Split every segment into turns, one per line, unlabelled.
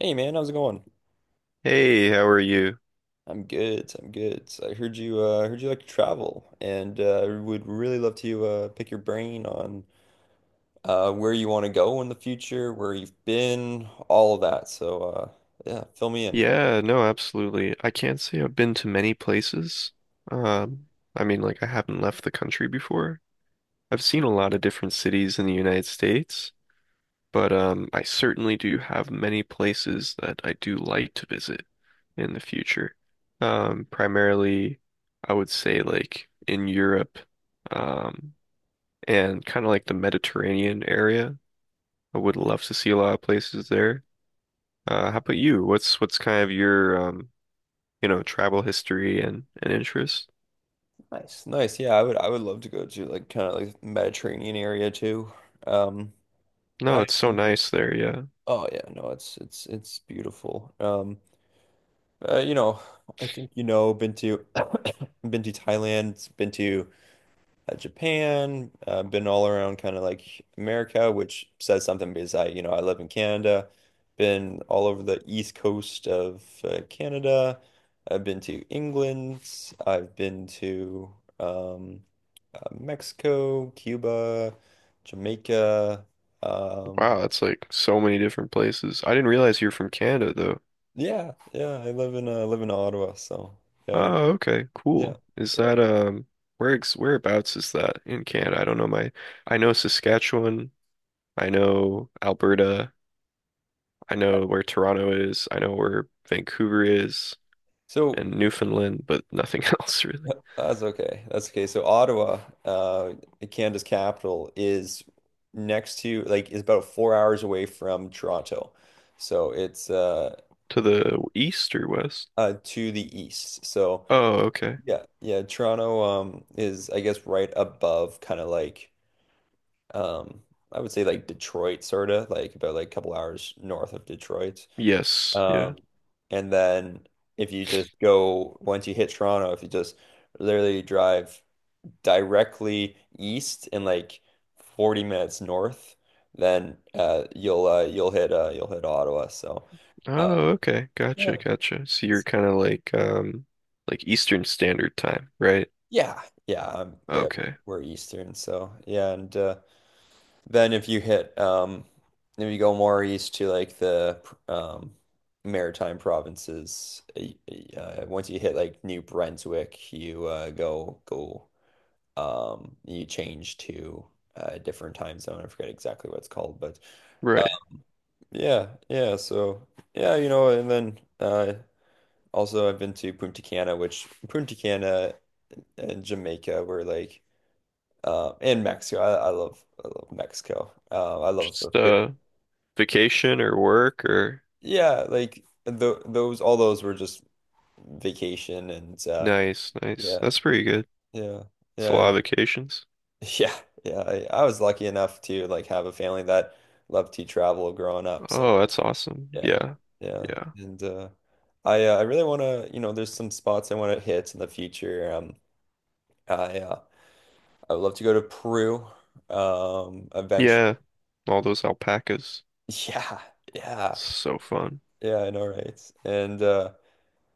Hey man, how's it going?
Hey, how are you?
I'm good. I'm good. So I heard you like to travel and would really love to pick your brain on where you want to go in the future, where you've been, all of that. So yeah, fill me in.
Yeah, no, absolutely. I can't say I've been to many places. Um, I mean, like I haven't left the country before. I've seen a lot of different cities in the United States, but I certainly do have many places that I do like to visit in the future. Primarily, I would say like in Europe, um, and kind of like the Mediterranean area. I would love to see a lot of places there. How about you? What's kind of your travel history and interest.
Nice. Nice. Yeah, I would love to go to like kind of like Mediterranean area too. Um
No,
I
it's so nice there. Yeah.
oh yeah, no, it's beautiful. You know, I think you know, been to been to Thailand, been to Japan, been all around kind of like America, which says something because I, you know, I live in Canada, been all over the east coast of Canada. I've been to England, I've been to um, Mexico, Cuba, Jamaica. Um,
Wow, it's like so many different places. I didn't realize you're from Canada though.
yeah, yeah, I live in live in Ottawa, so yeah,
Oh, okay,
yeah,
cool. Is
yeah.
that where ex whereabouts is that in Canada? I don't know my I know Saskatchewan, I know Alberta, I know where Toronto is, I know where Vancouver is
So.
and Newfoundland, but nothing else really.
That's okay. That's okay. So Ottawa, Canada's capital, is next to like is about 4 hours away from Toronto. So it's
To the east or west?
to the east. So
Oh, okay.
yeah, yeah, Toronto is I guess right above kind of like um I would say like Detroit, sort of like about like a couple hours north of Detroit.
Yes, yeah.
Um and then if you just go, once you hit Toronto, if you just literally drive directly east and like 40 minutes north, then you'll hit Ottawa. So uh,
Oh, okay.
yeah,
Gotcha, gotcha. So you're
it's-
kind of like Eastern Standard Time, right?
yeah, yeah, yeah. We're,
Okay.
we're Eastern, so yeah, and then if you hit if you go more east to like the um, Maritime provinces, once you hit like New Brunswick, you go go you change to a different time zone. I forget exactly what it's called, but.
Right.
Yeah, yeah. So yeah, you know, and then also I've been to Punta Cana, which Punta Cana and Jamaica were like and Mexico. I love Mexico. I love the
Just
food.
vacation or work or
Yeah, like those all those were just vacation and
nice, nice.
yeah,
That's pretty good.
yeah.
It's a lot
And
of vacations.
yeah, yeah. I was lucky enough to like have a family that loved to travel growing up. So
Oh, that's awesome.
yeah,
Yeah.
yeah,
Yeah.
and I really want to, you know, there's some spots I want to hit in the future. I uh, I would love to go to Peru, eventually.
Yeah. All those alpacas.
Yeah, yeah,
So fun.
yeah, I know, right? And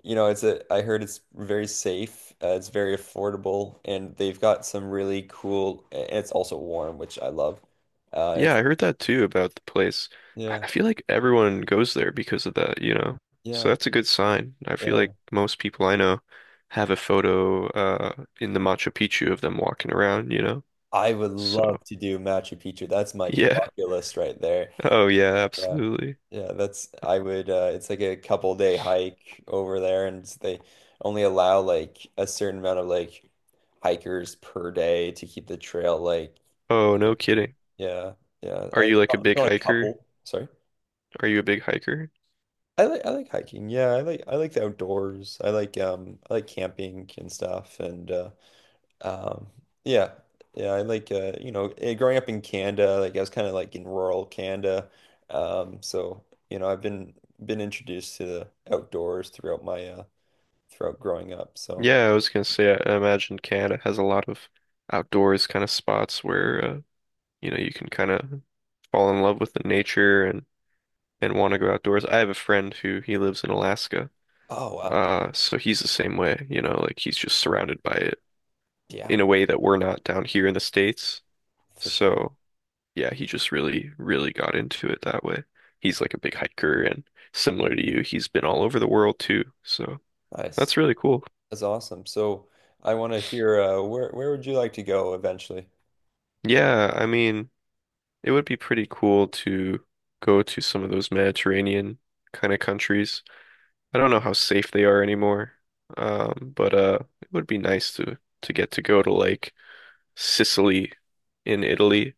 you know, it's a I heard it's very safe, it's very affordable, and they've got some really cool, and it's also warm, which I love.
Yeah,
It's
I heard that too about the place. I
yeah,
I feel like everyone goes there because of that. So
yeah,
that's a good sign. I feel
yeah.
like most people I know have a photo in the Machu Picchu of them walking around,
I would
So,
love to do Machu Picchu. That's my
yeah.
bucket list right there.
Oh yeah,
Yeah.
absolutely.
Yeah, that's I would it's like a couple day hike over there and they only allow like a certain amount of like hikers per day to keep the trail like
Oh, no kidding.
yeah, yeah.
Are
And
you like a
it's
big
not a
hiker?
couple, sorry.
Are you a big hiker?
I like hiking. Yeah, I like the outdoors. I like camping and stuff and um, yeah, yeah, I like you know, eh, growing up in Canada, like I was kind of like in rural Canada. So you know, I've been introduced to the outdoors throughout my throughout growing up. So,
Yeah, I was gonna say I imagine Canada has a lot of outdoors kind of spots where you can kind of fall in love with the nature and want to go outdoors. I have a friend who he lives in Alaska.
oh wow.
So he's the same way, you know, like he's just surrounded by it
Yeah,
in a way that we're not down here in the States.
for sure.
So yeah, he just really, really got into it that way. He's like a big hiker and similar to you, he's been all over the world too. So
Nice.
that's really cool.
That's awesome. So, I want to hear where would you like to go eventually?
Yeah, I mean, it would be pretty cool to go to some of those Mediterranean kind of countries. I don't know how safe they are anymore. But it would be nice to get to go to like Sicily in Italy.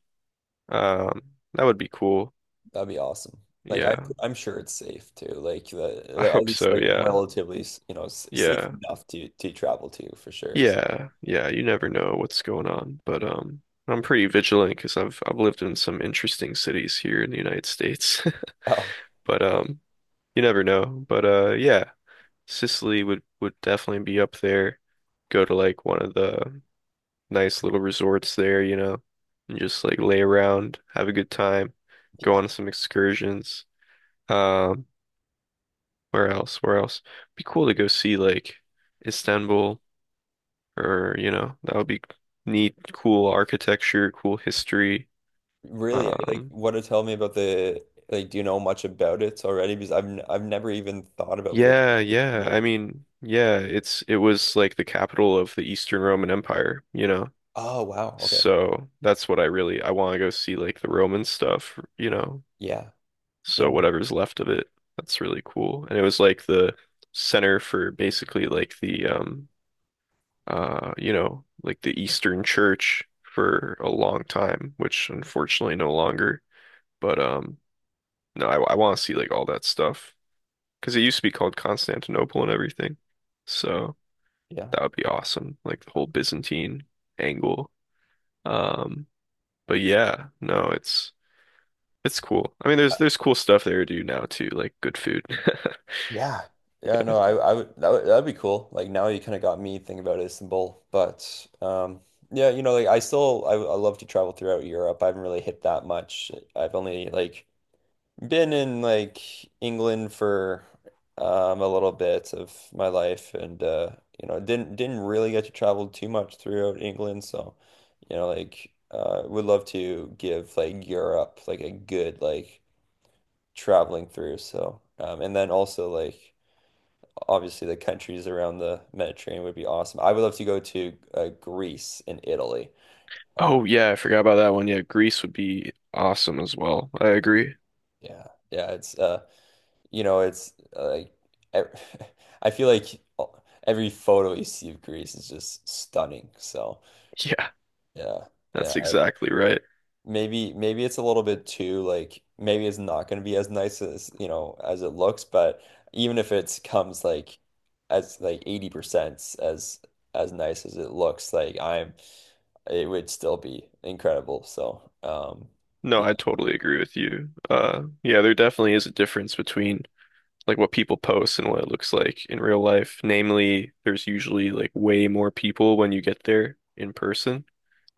That would be cool.
That'd be awesome.
Yeah.
I'm sure it's safe too. Like the
I
like at
hope
least
so.
like
Yeah.
relatively, you know, safe
Yeah.
enough to travel to for sure. So,
Yeah. Yeah, you never know what's going on, but I'm pretty vigilant because I 'cause I've lived in some interesting cities here in the United States.
oh.
But you never know. But yeah, Sicily would definitely be up there. Go to like one of the nice little resorts there, you know, and just like lay around, have a good time, go
Yeah.
on some excursions. Um, where else? Where else? Be cool to go see like Istanbul or, you know, that would be neat, cool architecture, cool history.
Really, like
Um,
what to tell me about the like. Do you know much about it already? Because I've never even thought about business.
yeah.
School.
I mean, yeah, it was like the capital of the Eastern Roman Empire, you know.
Oh wow. Okay.
So that's what I want to go see like the Roman stuff, you know.
Yeah.
So
Yeah.
whatever's left of it, that's really cool. And it was like the center for basically like the you know, like the Eastern Church for a long time, which unfortunately no longer. But no, I want to see like all that stuff because it used to be called Constantinople and everything.
Yeah.
So
Yeah.
that would be awesome, like the whole Byzantine angle. Um but yeah, no, it's cool. I mean,
Uh,
there's cool stuff there to do now too, like good food.
yeah. Yeah. No, I would that would that'd be cool. Like now you kind of got me thinking about Istanbul, but yeah, you know, like I love to travel throughout Europe. I haven't really hit that much. I've only like been in like England for a little bit of my life, and you know, didn't really get to travel too much throughout England. So, you know, like would love to give like Europe like a good like traveling through. So, and then also like obviously the countries around the Mediterranean would be awesome. I would love to go to Greece and Italy.
Oh yeah, I forgot about that one. Yeah, Greece would be awesome as well. I agree.
Yeah, yeah, it's you know, it's like e- I feel like every photo you see of Greece is just stunning. So
Yeah,
yeah, yeah.
that's exactly right.
Maybe maybe it's a little bit too like maybe it's not going to be as nice as you know as it looks, but even if it comes like as like 80% as nice as it looks, like I'm it would still be incredible. So
No,
yeah,
I totally agree with you. Yeah, there definitely is a difference between like what people post and what it looks like in real life. Namely, there's usually like way more people when you get there in person.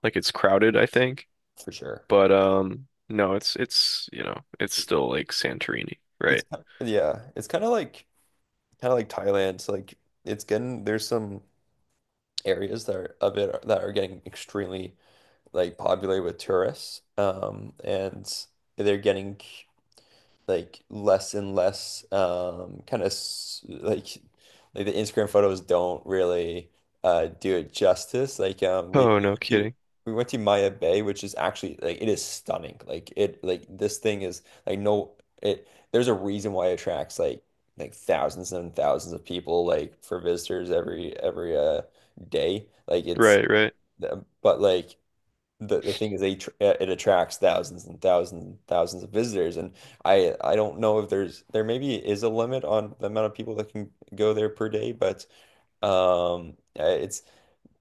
Like it's crowded, I think.
for sure.
But no, it's, you know, it's still like Santorini, right?
Yeah, it's kind of like Thailand. So like it's getting there's some areas that are of it that are getting extremely like popular with tourists. And they're getting like less and less kind of like like the Instagram photos don't really do it justice like
Oh, no
went to
kidding.
we went to Maya Bay, which is actually like it is stunning, like it, like this thing is like no it there's a reason why it attracts like thousands and thousands of people like for visitors every day like it's
Right, right.
but like the thing is it attracts thousands and thousands and thousands of visitors and I don't know if there's there maybe is a limit on the amount of people that can go there per day but it's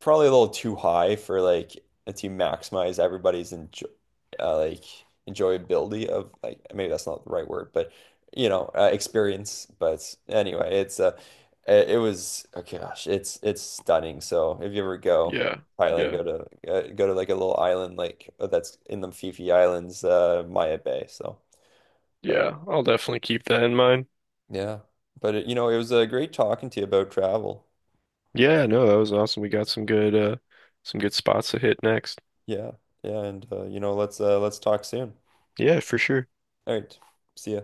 probably a little too high for like to maximize everybody's enjoy uh, like enjoyability of like maybe that's not the right word, but you know, experience. But anyway, it's it was oh gosh, it's stunning. So if you ever go
Yeah.
Thailand,
Yeah.
go to go to like a little island like that's in the Phi Phi Islands, Maya Bay. So, but
Yeah, I'll definitely keep that in mind.
yeah. But it, you know, it was great talking to you about travel.
Yeah, no, that was awesome. We got some good spots to hit next.
Yeah. Yeah, and you know, let's talk soon.
Yeah, for sure.
All right. See ya.